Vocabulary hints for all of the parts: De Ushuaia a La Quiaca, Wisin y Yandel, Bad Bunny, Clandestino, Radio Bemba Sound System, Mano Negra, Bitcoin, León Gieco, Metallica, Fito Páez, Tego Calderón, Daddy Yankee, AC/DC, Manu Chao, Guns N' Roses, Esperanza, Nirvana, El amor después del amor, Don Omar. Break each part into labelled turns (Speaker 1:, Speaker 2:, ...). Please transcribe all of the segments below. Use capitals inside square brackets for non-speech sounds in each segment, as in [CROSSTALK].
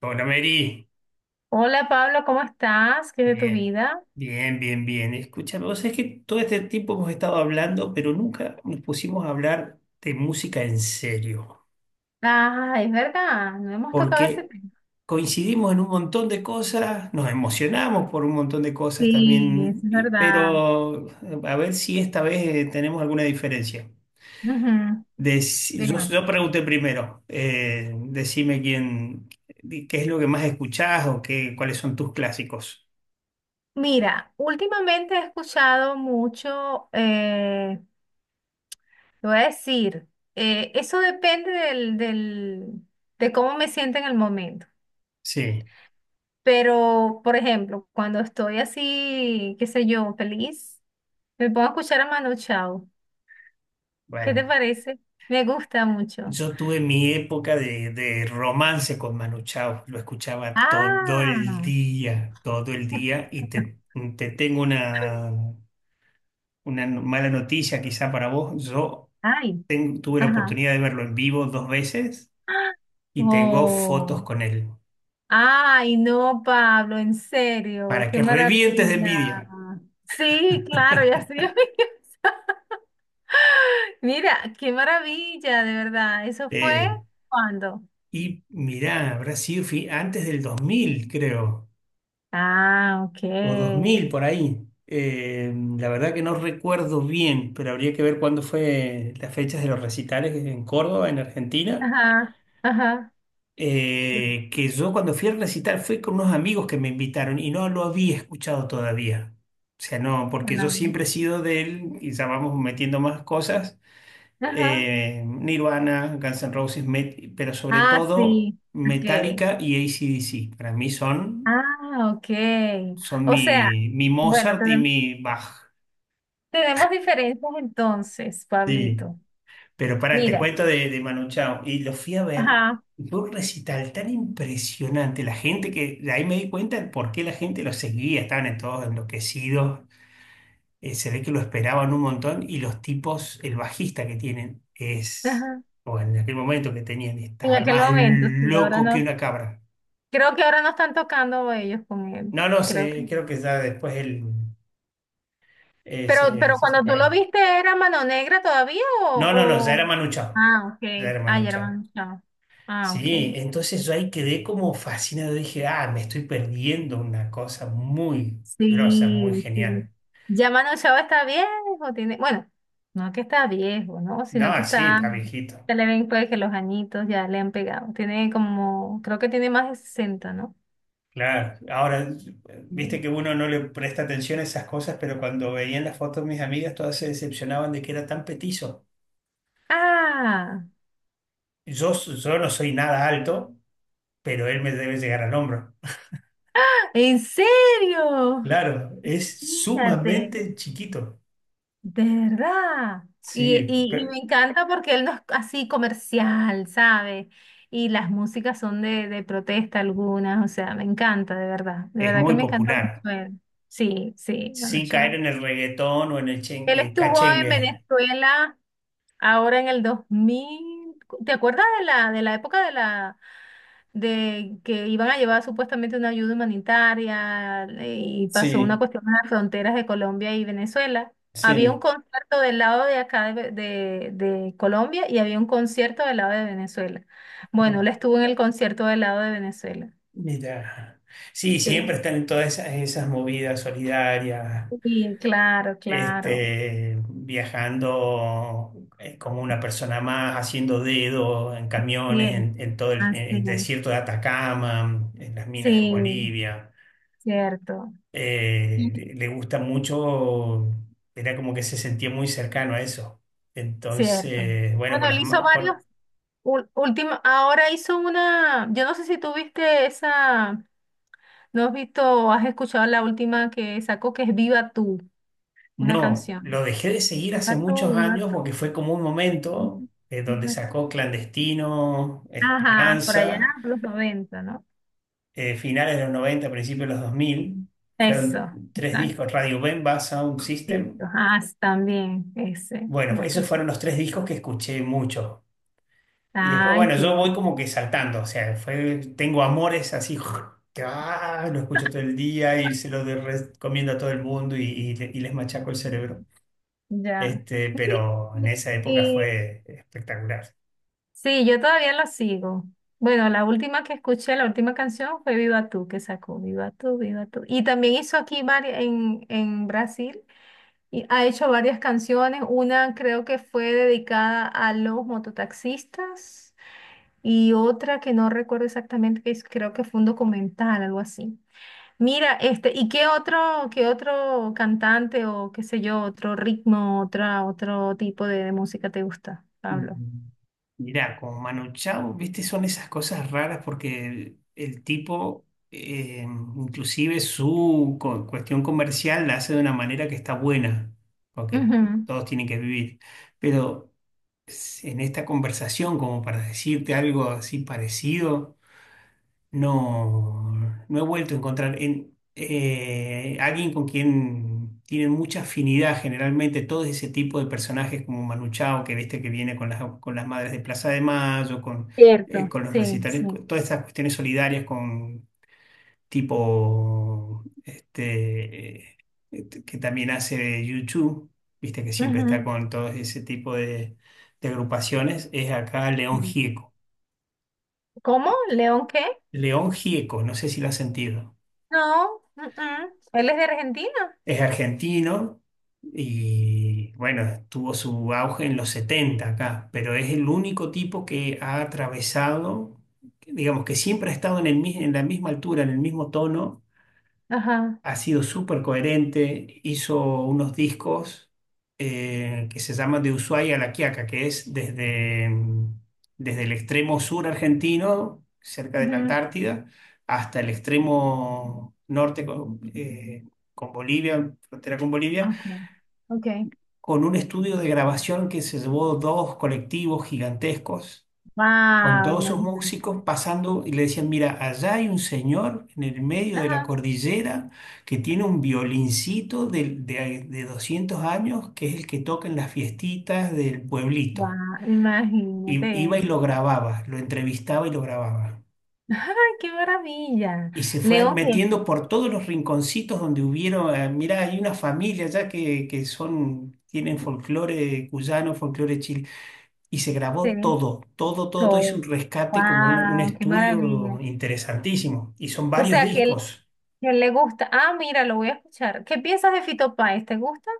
Speaker 1: Hola Mary,
Speaker 2: Hola Pablo, ¿cómo estás? ¿Qué es de tu
Speaker 1: bien,
Speaker 2: vida?
Speaker 1: bien, bien, bien. Escúchame, vos sabés que todo este tiempo hemos estado hablando, pero nunca nos pusimos a hablar de música en serio,
Speaker 2: Ah, es verdad, no hemos tocado ese
Speaker 1: porque
Speaker 2: tema.
Speaker 1: coincidimos en un montón de cosas, nos emocionamos por un montón de cosas
Speaker 2: Sí, eso
Speaker 1: también,
Speaker 2: es verdad.
Speaker 1: pero a ver si esta vez tenemos alguna diferencia.
Speaker 2: Ujú.
Speaker 1: Yo
Speaker 2: Veamos.
Speaker 1: pregunté primero, decime quién, qué es lo que más escuchás o qué, cuáles son tus clásicos.
Speaker 2: Mira, últimamente he escuchado mucho, te voy a decir, eso depende del de cómo me siento en el momento.
Speaker 1: Sí,
Speaker 2: Pero, por ejemplo, cuando estoy así, qué sé yo, feliz, me pongo a escuchar a Manu Chao. ¿Qué te
Speaker 1: bueno.
Speaker 2: parece? Me gusta mucho.
Speaker 1: Yo tuve mi época de romance con Manu Chao, lo escuchaba
Speaker 2: Ah.
Speaker 1: todo el
Speaker 2: [LAUGHS]
Speaker 1: día, te tengo una no, mala noticia quizá para vos. Yo
Speaker 2: Ay,
Speaker 1: tuve la
Speaker 2: ajá.
Speaker 1: oportunidad de verlo en vivo dos veces y tengo
Speaker 2: Oh.
Speaker 1: fotos con él,
Speaker 2: Ay, no, Pablo, en serio,
Speaker 1: para
Speaker 2: qué
Speaker 1: que revientes de
Speaker 2: maravilla.
Speaker 1: envidia.
Speaker 2: Sí, claro, ya estoy. [LAUGHS] Mira, qué maravilla, de verdad. ¿Eso fue
Speaker 1: Eh,
Speaker 2: cuando?
Speaker 1: y mirá, habrá sido antes del 2000, creo.
Speaker 2: Ah, ok.
Speaker 1: O 2000 por ahí. La verdad que no recuerdo bien, pero habría que ver cuándo fue las fechas de los recitales en Córdoba, en Argentina.
Speaker 2: Ajá, ajá.
Speaker 1: Que yo cuando fui al recital fui con unos amigos que me invitaron y no lo había escuchado todavía. O sea, no, porque yo
Speaker 2: Ay,
Speaker 1: siempre he sido del, y ya vamos metiendo más cosas,
Speaker 2: ajá.
Speaker 1: Nirvana, Guns N' Roses, pero sobre
Speaker 2: Ah,
Speaker 1: todo
Speaker 2: sí, ok.
Speaker 1: Metallica y AC/DC. Para mí son,
Speaker 2: Ah, ok.
Speaker 1: son
Speaker 2: O sea,
Speaker 1: mi
Speaker 2: bueno,
Speaker 1: Mozart y mi Bach.
Speaker 2: tenemos diferencias entonces,
Speaker 1: Sí,
Speaker 2: Pablito.
Speaker 1: pero pará, te
Speaker 2: Mira.
Speaker 1: cuento de Manu Chao. Y lo fui a ver,
Speaker 2: Ajá.
Speaker 1: fue un recital tan impresionante. La gente que, de ahí me di cuenta de por qué la gente lo seguía, estaban en todos enloquecidos. Se ve que lo esperaban un montón. Y los tipos, el bajista que tienen, es,
Speaker 2: Ajá.
Speaker 1: o en aquel momento que tenían,
Speaker 2: En
Speaker 1: está
Speaker 2: aquel
Speaker 1: más
Speaker 2: momento, sí, ahora
Speaker 1: loco que
Speaker 2: no.
Speaker 1: una cabra.
Speaker 2: Creo que ahora no están tocando ellos con él.
Speaker 1: No, no
Speaker 2: Creo que.
Speaker 1: sé, creo que ya después él eh, se,
Speaker 2: Pero
Speaker 1: se
Speaker 2: cuando tú lo
Speaker 1: separó.
Speaker 2: viste, ¿era Mano Negra todavía
Speaker 1: No, no, no, ya
Speaker 2: o,
Speaker 1: era
Speaker 2: o-?
Speaker 1: Manu Chao.
Speaker 2: Ah,
Speaker 1: Ya
Speaker 2: ok.
Speaker 1: era
Speaker 2: Ah,
Speaker 1: Manu
Speaker 2: ya era
Speaker 1: Chao.
Speaker 2: Mano Chao. Ah, ok.
Speaker 1: Sí, entonces yo ahí quedé como fascinado. Dije, ah, me estoy perdiendo una cosa muy grosa,
Speaker 2: Sí,
Speaker 1: muy
Speaker 2: sí.
Speaker 1: genial.
Speaker 2: Ya Mano Chao está viejo, tiene. Bueno, no que está viejo, ¿no? Sino que
Speaker 1: No, sí,
Speaker 2: está.
Speaker 1: está viejito.
Speaker 2: Se le ven pues que los añitos ya le han pegado. Tiene como, creo que tiene más de 60, ¿no?
Speaker 1: Claro. Ahora, viste
Speaker 2: Sí.
Speaker 1: que uno no le presta atención a esas cosas, pero cuando veían las fotos mis amigas, todas se decepcionaban de que era tan petizo.
Speaker 2: Ah,
Speaker 1: Yo no soy nada alto, pero él me debe llegar al hombro.
Speaker 2: ¿en serio?
Speaker 1: Claro, es
Speaker 2: Fíjate,
Speaker 1: sumamente chiquito.
Speaker 2: de verdad. Y,
Speaker 1: Sí,
Speaker 2: y, y
Speaker 1: pero
Speaker 2: me encanta porque él no es así comercial, ¿sabes? Y las músicas son de protesta algunas, o sea, me encanta, de verdad. De
Speaker 1: es
Speaker 2: verdad que
Speaker 1: muy
Speaker 2: me encanta
Speaker 1: popular.
Speaker 2: mucho él. Sí, sí, bueno,
Speaker 1: Sin caer
Speaker 2: chao.
Speaker 1: en el reggaetón o en el
Speaker 2: Él estuvo en
Speaker 1: cachengue.
Speaker 2: Venezuela ahora en el 2000. ¿Te acuerdas de la época de la, de que iban a llevar supuestamente una ayuda humanitaria y pasó una
Speaker 1: Sí,
Speaker 2: cuestión en las fronteras de Colombia y Venezuela? Había un
Speaker 1: sí.
Speaker 2: concierto del lado de acá de Colombia y había un concierto del lado de Venezuela. Bueno, él estuvo en el concierto del lado de Venezuela.
Speaker 1: Mira. Sí,
Speaker 2: Sí.
Speaker 1: siempre están en todas esas movidas solidarias,
Speaker 2: Sí, claro, claro.
Speaker 1: este, viajando como una persona más, haciendo dedo en
Speaker 2: Sí,
Speaker 1: camiones,
Speaker 2: es,
Speaker 1: en todo en
Speaker 2: así es.
Speaker 1: el desierto de Atacama, en las minas en
Speaker 2: Sí,
Speaker 1: Bolivia.
Speaker 2: cierto.
Speaker 1: Eh,
Speaker 2: Ujú.
Speaker 1: le gusta mucho, era como que se sentía muy cercano a eso.
Speaker 2: Cierto.
Speaker 1: Entonces, bueno, con
Speaker 2: Bueno, él
Speaker 1: las,
Speaker 2: hizo
Speaker 1: ma-
Speaker 2: varios.
Speaker 1: con-
Speaker 2: Último, ahora hizo una, yo no sé si tú viste esa. ¿No has visto o has escuchado la última que sacó, que es Viva tú, una
Speaker 1: no, lo
Speaker 2: canción?
Speaker 1: dejé de seguir hace muchos
Speaker 2: Viva
Speaker 1: años
Speaker 2: tú,
Speaker 1: porque fue como un momento
Speaker 2: ujú,
Speaker 1: donde
Speaker 2: viva tú.
Speaker 1: sacó Clandestino,
Speaker 2: Ajá, por allá,
Speaker 1: Esperanza,
Speaker 2: por los 90, ¿no?
Speaker 1: finales de los 90, principios de los 2000.
Speaker 2: Eso,
Speaker 1: Fueron tres
Speaker 2: exacto,
Speaker 1: discos, Radio Bemba, Sound
Speaker 2: cierto.
Speaker 1: System.
Speaker 2: Ah, sí, también, ese,
Speaker 1: Bueno,
Speaker 2: la
Speaker 1: esos
Speaker 2: escuché.
Speaker 1: fueron los tres discos que escuché mucho. Y después,
Speaker 2: Ay,
Speaker 1: bueno,
Speaker 2: qué
Speaker 1: yo voy
Speaker 2: bueno,
Speaker 1: como que saltando, o sea, fue, tengo amores así, [LAUGHS] que ah, lo escucho todo el día y recomiendo a todo el mundo y les machaco el cerebro.
Speaker 2: ya.
Speaker 1: Este,
Speaker 2: Sí,
Speaker 1: pero en
Speaker 2: y-
Speaker 1: esa época
Speaker 2: y-
Speaker 1: fue espectacular.
Speaker 2: sí, yo todavía lo sigo. Bueno, la última que escuché, la última canción fue Viva tú, que sacó Viva tú, Viva tú. Y también hizo aquí en Brasil. Y ha hecho varias canciones, una creo que fue dedicada a los mototaxistas y otra que no recuerdo exactamente, creo que fue un documental, algo así. Mira, este, ¿y qué otro cantante o qué sé yo, otro ritmo, otra, otro tipo de música te gusta,
Speaker 1: Y
Speaker 2: Pablo?
Speaker 1: mirá, con Manu Chao, viste, son esas cosas raras porque el tipo, inclusive su cuestión comercial la hace de una manera que está buena, porque
Speaker 2: Ujú.
Speaker 1: todos tienen que vivir. Pero en esta conversación, como para decirte algo así parecido. No, no he vuelto a encontrar en, alguien con quien tienen mucha afinidad generalmente todo ese tipo de personajes como Manu Chao, que viste que viene con las madres de Plaza de Mayo,
Speaker 2: Cierto,
Speaker 1: con los
Speaker 2: sí,
Speaker 1: recitales,
Speaker 2: sí.
Speaker 1: con todas estas cuestiones solidarias con tipo este, que también hace YouTube, viste que siempre está
Speaker 2: Ujú.
Speaker 1: con todo ese tipo de agrupaciones, es acá León
Speaker 2: Mm.
Speaker 1: Gieco.
Speaker 2: ¿Cómo? ¿León qué?
Speaker 1: León Gieco, no sé si lo has sentido.
Speaker 2: No, él es de Argentina.
Speaker 1: Es argentino y bueno, tuvo su auge en los 70 acá, pero es el único tipo que ha atravesado, digamos que siempre ha estado en en la misma altura, en el mismo tono,
Speaker 2: Ajá.
Speaker 1: ha sido súper coherente, hizo unos discos que se llaman De Ushuaia a La Quiaca, que es desde, desde el extremo sur argentino, cerca de la
Speaker 2: Ujú.
Speaker 1: Antártida, hasta el extremo norte con Bolivia, frontera con Bolivia,
Speaker 2: Okay. Ok.
Speaker 1: con un estudio de grabación que se llevó dos colectivos gigantescos con
Speaker 2: Wow,
Speaker 1: todos esos
Speaker 2: imagínate.
Speaker 1: músicos pasando y le decían, mira, allá hay un señor en el medio de la
Speaker 2: Ajá.
Speaker 1: cordillera que tiene un violincito de 200 años, que es el que toca en las fiestitas del pueblito.
Speaker 2: Wow, imagínate
Speaker 1: Y iba y
Speaker 2: eso.
Speaker 1: lo grababa, lo entrevistaba y lo grababa.
Speaker 2: [LAUGHS] ¡Ay, qué maravilla!
Speaker 1: Y se fue
Speaker 2: León
Speaker 1: metiendo por todos los rinconcitos donde hubieron, mira, hay una familia allá que son, tienen folclore cuyano, folclore chil. Y se grabó
Speaker 2: Gieco.
Speaker 1: todo, todo, todo, todo. Hizo un rescate como un
Speaker 2: Wow, qué
Speaker 1: estudio
Speaker 2: maravilla.
Speaker 1: interesantísimo. Y son
Speaker 2: O
Speaker 1: varios
Speaker 2: sea,
Speaker 1: discos.
Speaker 2: que él le gusta. Ah, mira, lo voy a escuchar. ¿Qué piensas de Fito Páez? ¿Te gusta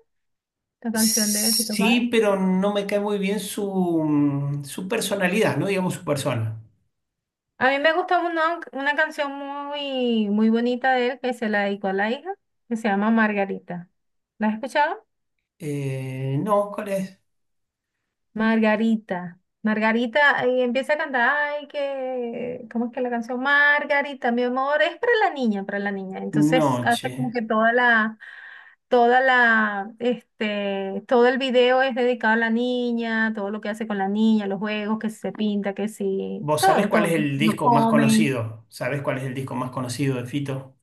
Speaker 2: la canción de Fito Páez?
Speaker 1: Sí, pero no me cae muy bien su, su personalidad, no digamos su persona.
Speaker 2: A mí me gusta una canción muy, muy bonita de él que se la dedicó a la hija, que se llama Margarita. ¿La has escuchado?
Speaker 1: No, ¿cuál es?
Speaker 2: Margarita. Margarita y empieza a cantar, ay, que, ¿cómo es que la canción? Margarita, mi amor, es para la niña, para la niña. Entonces hace como
Speaker 1: Noche.
Speaker 2: que toda la, este, todo el video es dedicado a la niña, todo lo que hace con la niña, los juegos, que si se pinta, que si,
Speaker 1: ¿Vos sabés
Speaker 2: todo,
Speaker 1: cuál es
Speaker 2: todo,
Speaker 1: el
Speaker 2: no
Speaker 1: disco más
Speaker 2: comen.
Speaker 1: conocido? ¿Sabés cuál es el disco más conocido de Fito?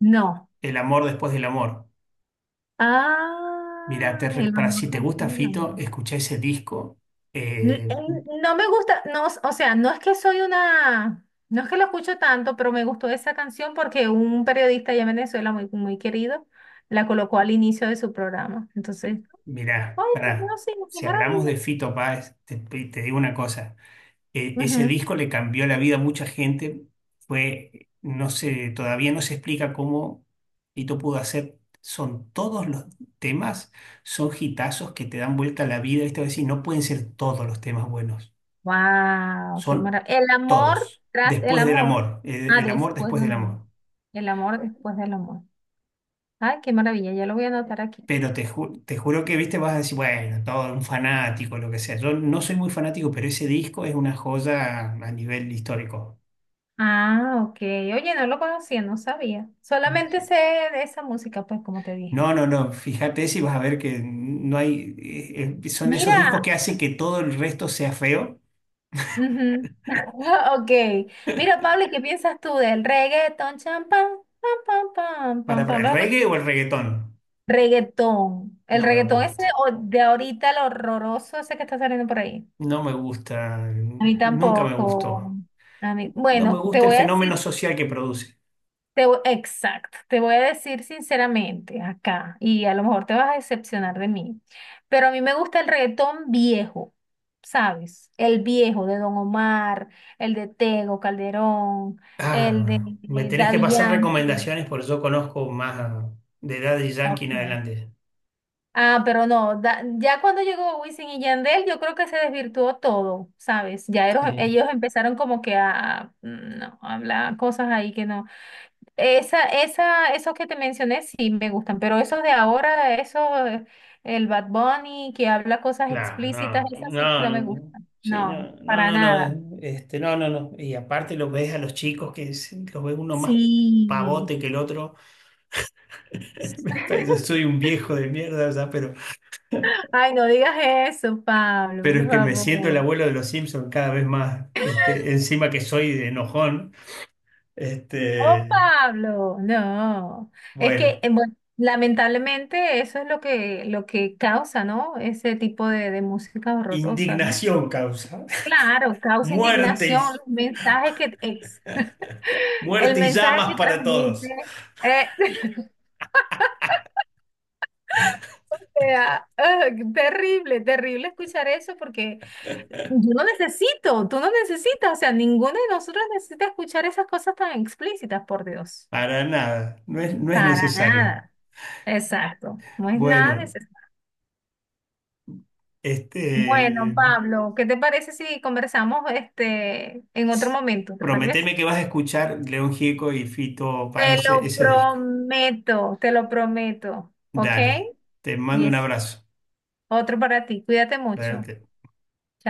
Speaker 2: No.
Speaker 1: El amor después del amor. Mira,
Speaker 2: Ah, el
Speaker 1: para
Speaker 2: amor
Speaker 1: si te
Speaker 2: del
Speaker 1: gusta
Speaker 2: cielo.
Speaker 1: Fito, escuchá ese disco.
Speaker 2: L-
Speaker 1: Eh,
Speaker 2: el- No me gusta, no, o sea, no es que soy una, no es que lo escucho tanto, pero me gustó esa canción porque un periodista allá en Venezuela muy, muy querido la colocó al inicio de su programa. Entonces,
Speaker 1: Mirá,
Speaker 2: ¡ay, qué bueno,
Speaker 1: pará,
Speaker 2: qué
Speaker 1: si hablamos
Speaker 2: maravilla!
Speaker 1: de Fito Páez, te digo una cosa, ese
Speaker 2: Ujú.
Speaker 1: disco le cambió la vida a mucha gente, fue, no sé, todavía no se explica cómo Fito pudo hacer, son todos los temas, son hitazos que te dan vuelta a la vida, esta vez sí, no pueden ser todos los temas buenos,
Speaker 2: Wow, qué
Speaker 1: son
Speaker 2: maravilla. El amor
Speaker 1: todos,
Speaker 2: tras el
Speaker 1: después del
Speaker 2: amor.
Speaker 1: amor,
Speaker 2: Ah,
Speaker 1: el amor
Speaker 2: después
Speaker 1: después del
Speaker 2: del amor.
Speaker 1: amor.
Speaker 2: El amor después del amor. Ay, qué maravilla, ya lo voy a anotar aquí.
Speaker 1: Pero te juro que, viste, vas a decir, bueno, todo un fanático, lo que sea. Yo no soy muy fanático, pero ese disco es una joya a nivel histórico.
Speaker 2: Ah, ok. Oye, no lo conocía, no sabía. Solamente
Speaker 1: Sí.
Speaker 2: sé de esa música, pues, como te dije.
Speaker 1: No, no, no, fíjate si vas a ver que no hay, son esos discos que
Speaker 2: Mira,
Speaker 1: hacen que todo el resto sea feo
Speaker 2: ujú. [LAUGHS] Ok. Mira, Pablo, ¿y qué piensas tú del reggaetón? Cham, pam, pam, pam, pam, pam,
Speaker 1: para
Speaker 2: pam. ¿Lo
Speaker 1: el
Speaker 2: has escuchado?
Speaker 1: reggae o el reggaetón.
Speaker 2: Reggaetón. El
Speaker 1: No me
Speaker 2: reggaetón ese
Speaker 1: gusta,
Speaker 2: de ahorita, el horroroso ese que está saliendo por ahí.
Speaker 1: no me gusta,
Speaker 2: A mí
Speaker 1: nunca me
Speaker 2: tampoco.
Speaker 1: gustó.
Speaker 2: A mí,
Speaker 1: No me
Speaker 2: bueno, te
Speaker 1: gusta el
Speaker 2: voy a
Speaker 1: fenómeno
Speaker 2: decir.
Speaker 1: social que produce.
Speaker 2: Exacto, te voy a decir sinceramente acá, y a lo mejor te vas a decepcionar de mí, pero a mí me gusta el reggaetón viejo, ¿sabes? El viejo de Don Omar, el de Tego Calderón, el de
Speaker 1: Ah, me tenés que
Speaker 2: Daddy
Speaker 1: pasar
Speaker 2: Yankee.
Speaker 1: recomendaciones porque yo conozco más de Daddy Yankee en
Speaker 2: Ok.
Speaker 1: adelante.
Speaker 2: Ah, pero no, ya cuando llegó Wisin y Yandel, yo creo que se desvirtuó todo, ¿sabes? Ya
Speaker 1: Sí,
Speaker 2: ellos empezaron como que a, mm, no, a hablar cosas ahí que no. Esa, esos que te mencioné sí me gustan, pero esos de ahora, eso, el Bad Bunny que habla cosas
Speaker 1: claro,
Speaker 2: explícitas,
Speaker 1: no,
Speaker 2: esas sí que
Speaker 1: no,
Speaker 2: no me
Speaker 1: no,
Speaker 2: gustan.
Speaker 1: sí,
Speaker 2: No,
Speaker 1: no, no,
Speaker 2: para
Speaker 1: no,
Speaker 2: nada.
Speaker 1: no, este, no, no, no. Y aparte los ves a los chicos que los ves uno más
Speaker 2: Sí.
Speaker 1: pavote que el otro. [LAUGHS] Me parece- Yo
Speaker 2: [LAUGHS]
Speaker 1: soy un viejo de mierda, o sea,
Speaker 2: Ay, no digas eso, Pablo,
Speaker 1: pero
Speaker 2: por
Speaker 1: es que me siento el
Speaker 2: favor.
Speaker 1: abuelo de los Simpson cada vez más, este, encima que soy de enojón,
Speaker 2: Oh,
Speaker 1: este,
Speaker 2: Pablo, no. Es que,
Speaker 1: bueno,
Speaker 2: bueno, lamentablemente eso es lo que causa, ¿no? Ese tipo de músicas horrorosas, ¿no?
Speaker 1: indignación causa,
Speaker 2: Claro,
Speaker 1: [LAUGHS]
Speaker 2: causa
Speaker 1: muerte, y-
Speaker 2: indignación, los mensajes que el
Speaker 1: muerte y
Speaker 2: mensaje
Speaker 1: llamas
Speaker 2: que
Speaker 1: para
Speaker 2: transmite.
Speaker 1: todos.
Speaker 2: eh, [LAUGHS] eh, ah, ah, terrible, terrible escuchar eso porque yo no necesito, tú no necesitas, o sea, ninguno de nosotros necesita escuchar esas cosas tan explícitas, por Dios.
Speaker 1: Para nada, no es, no es
Speaker 2: Para
Speaker 1: necesario.
Speaker 2: nada. Exacto. No es nada
Speaker 1: Bueno.
Speaker 2: necesario. Bueno,
Speaker 1: Este,
Speaker 2: Pablo, ¿qué te parece si conversamos este en otro momento? ¿Te parece?
Speaker 1: prometeme que vas a escuchar León Gieco y Fito Páez ese disco.
Speaker 2: Te lo prometo, ¿ok?
Speaker 1: Dale, te
Speaker 2: Y
Speaker 1: mando un
Speaker 2: es
Speaker 1: abrazo.
Speaker 2: otro para ti. Cuídate
Speaker 1: Dale,
Speaker 2: mucho.
Speaker 1: te-
Speaker 2: Chao.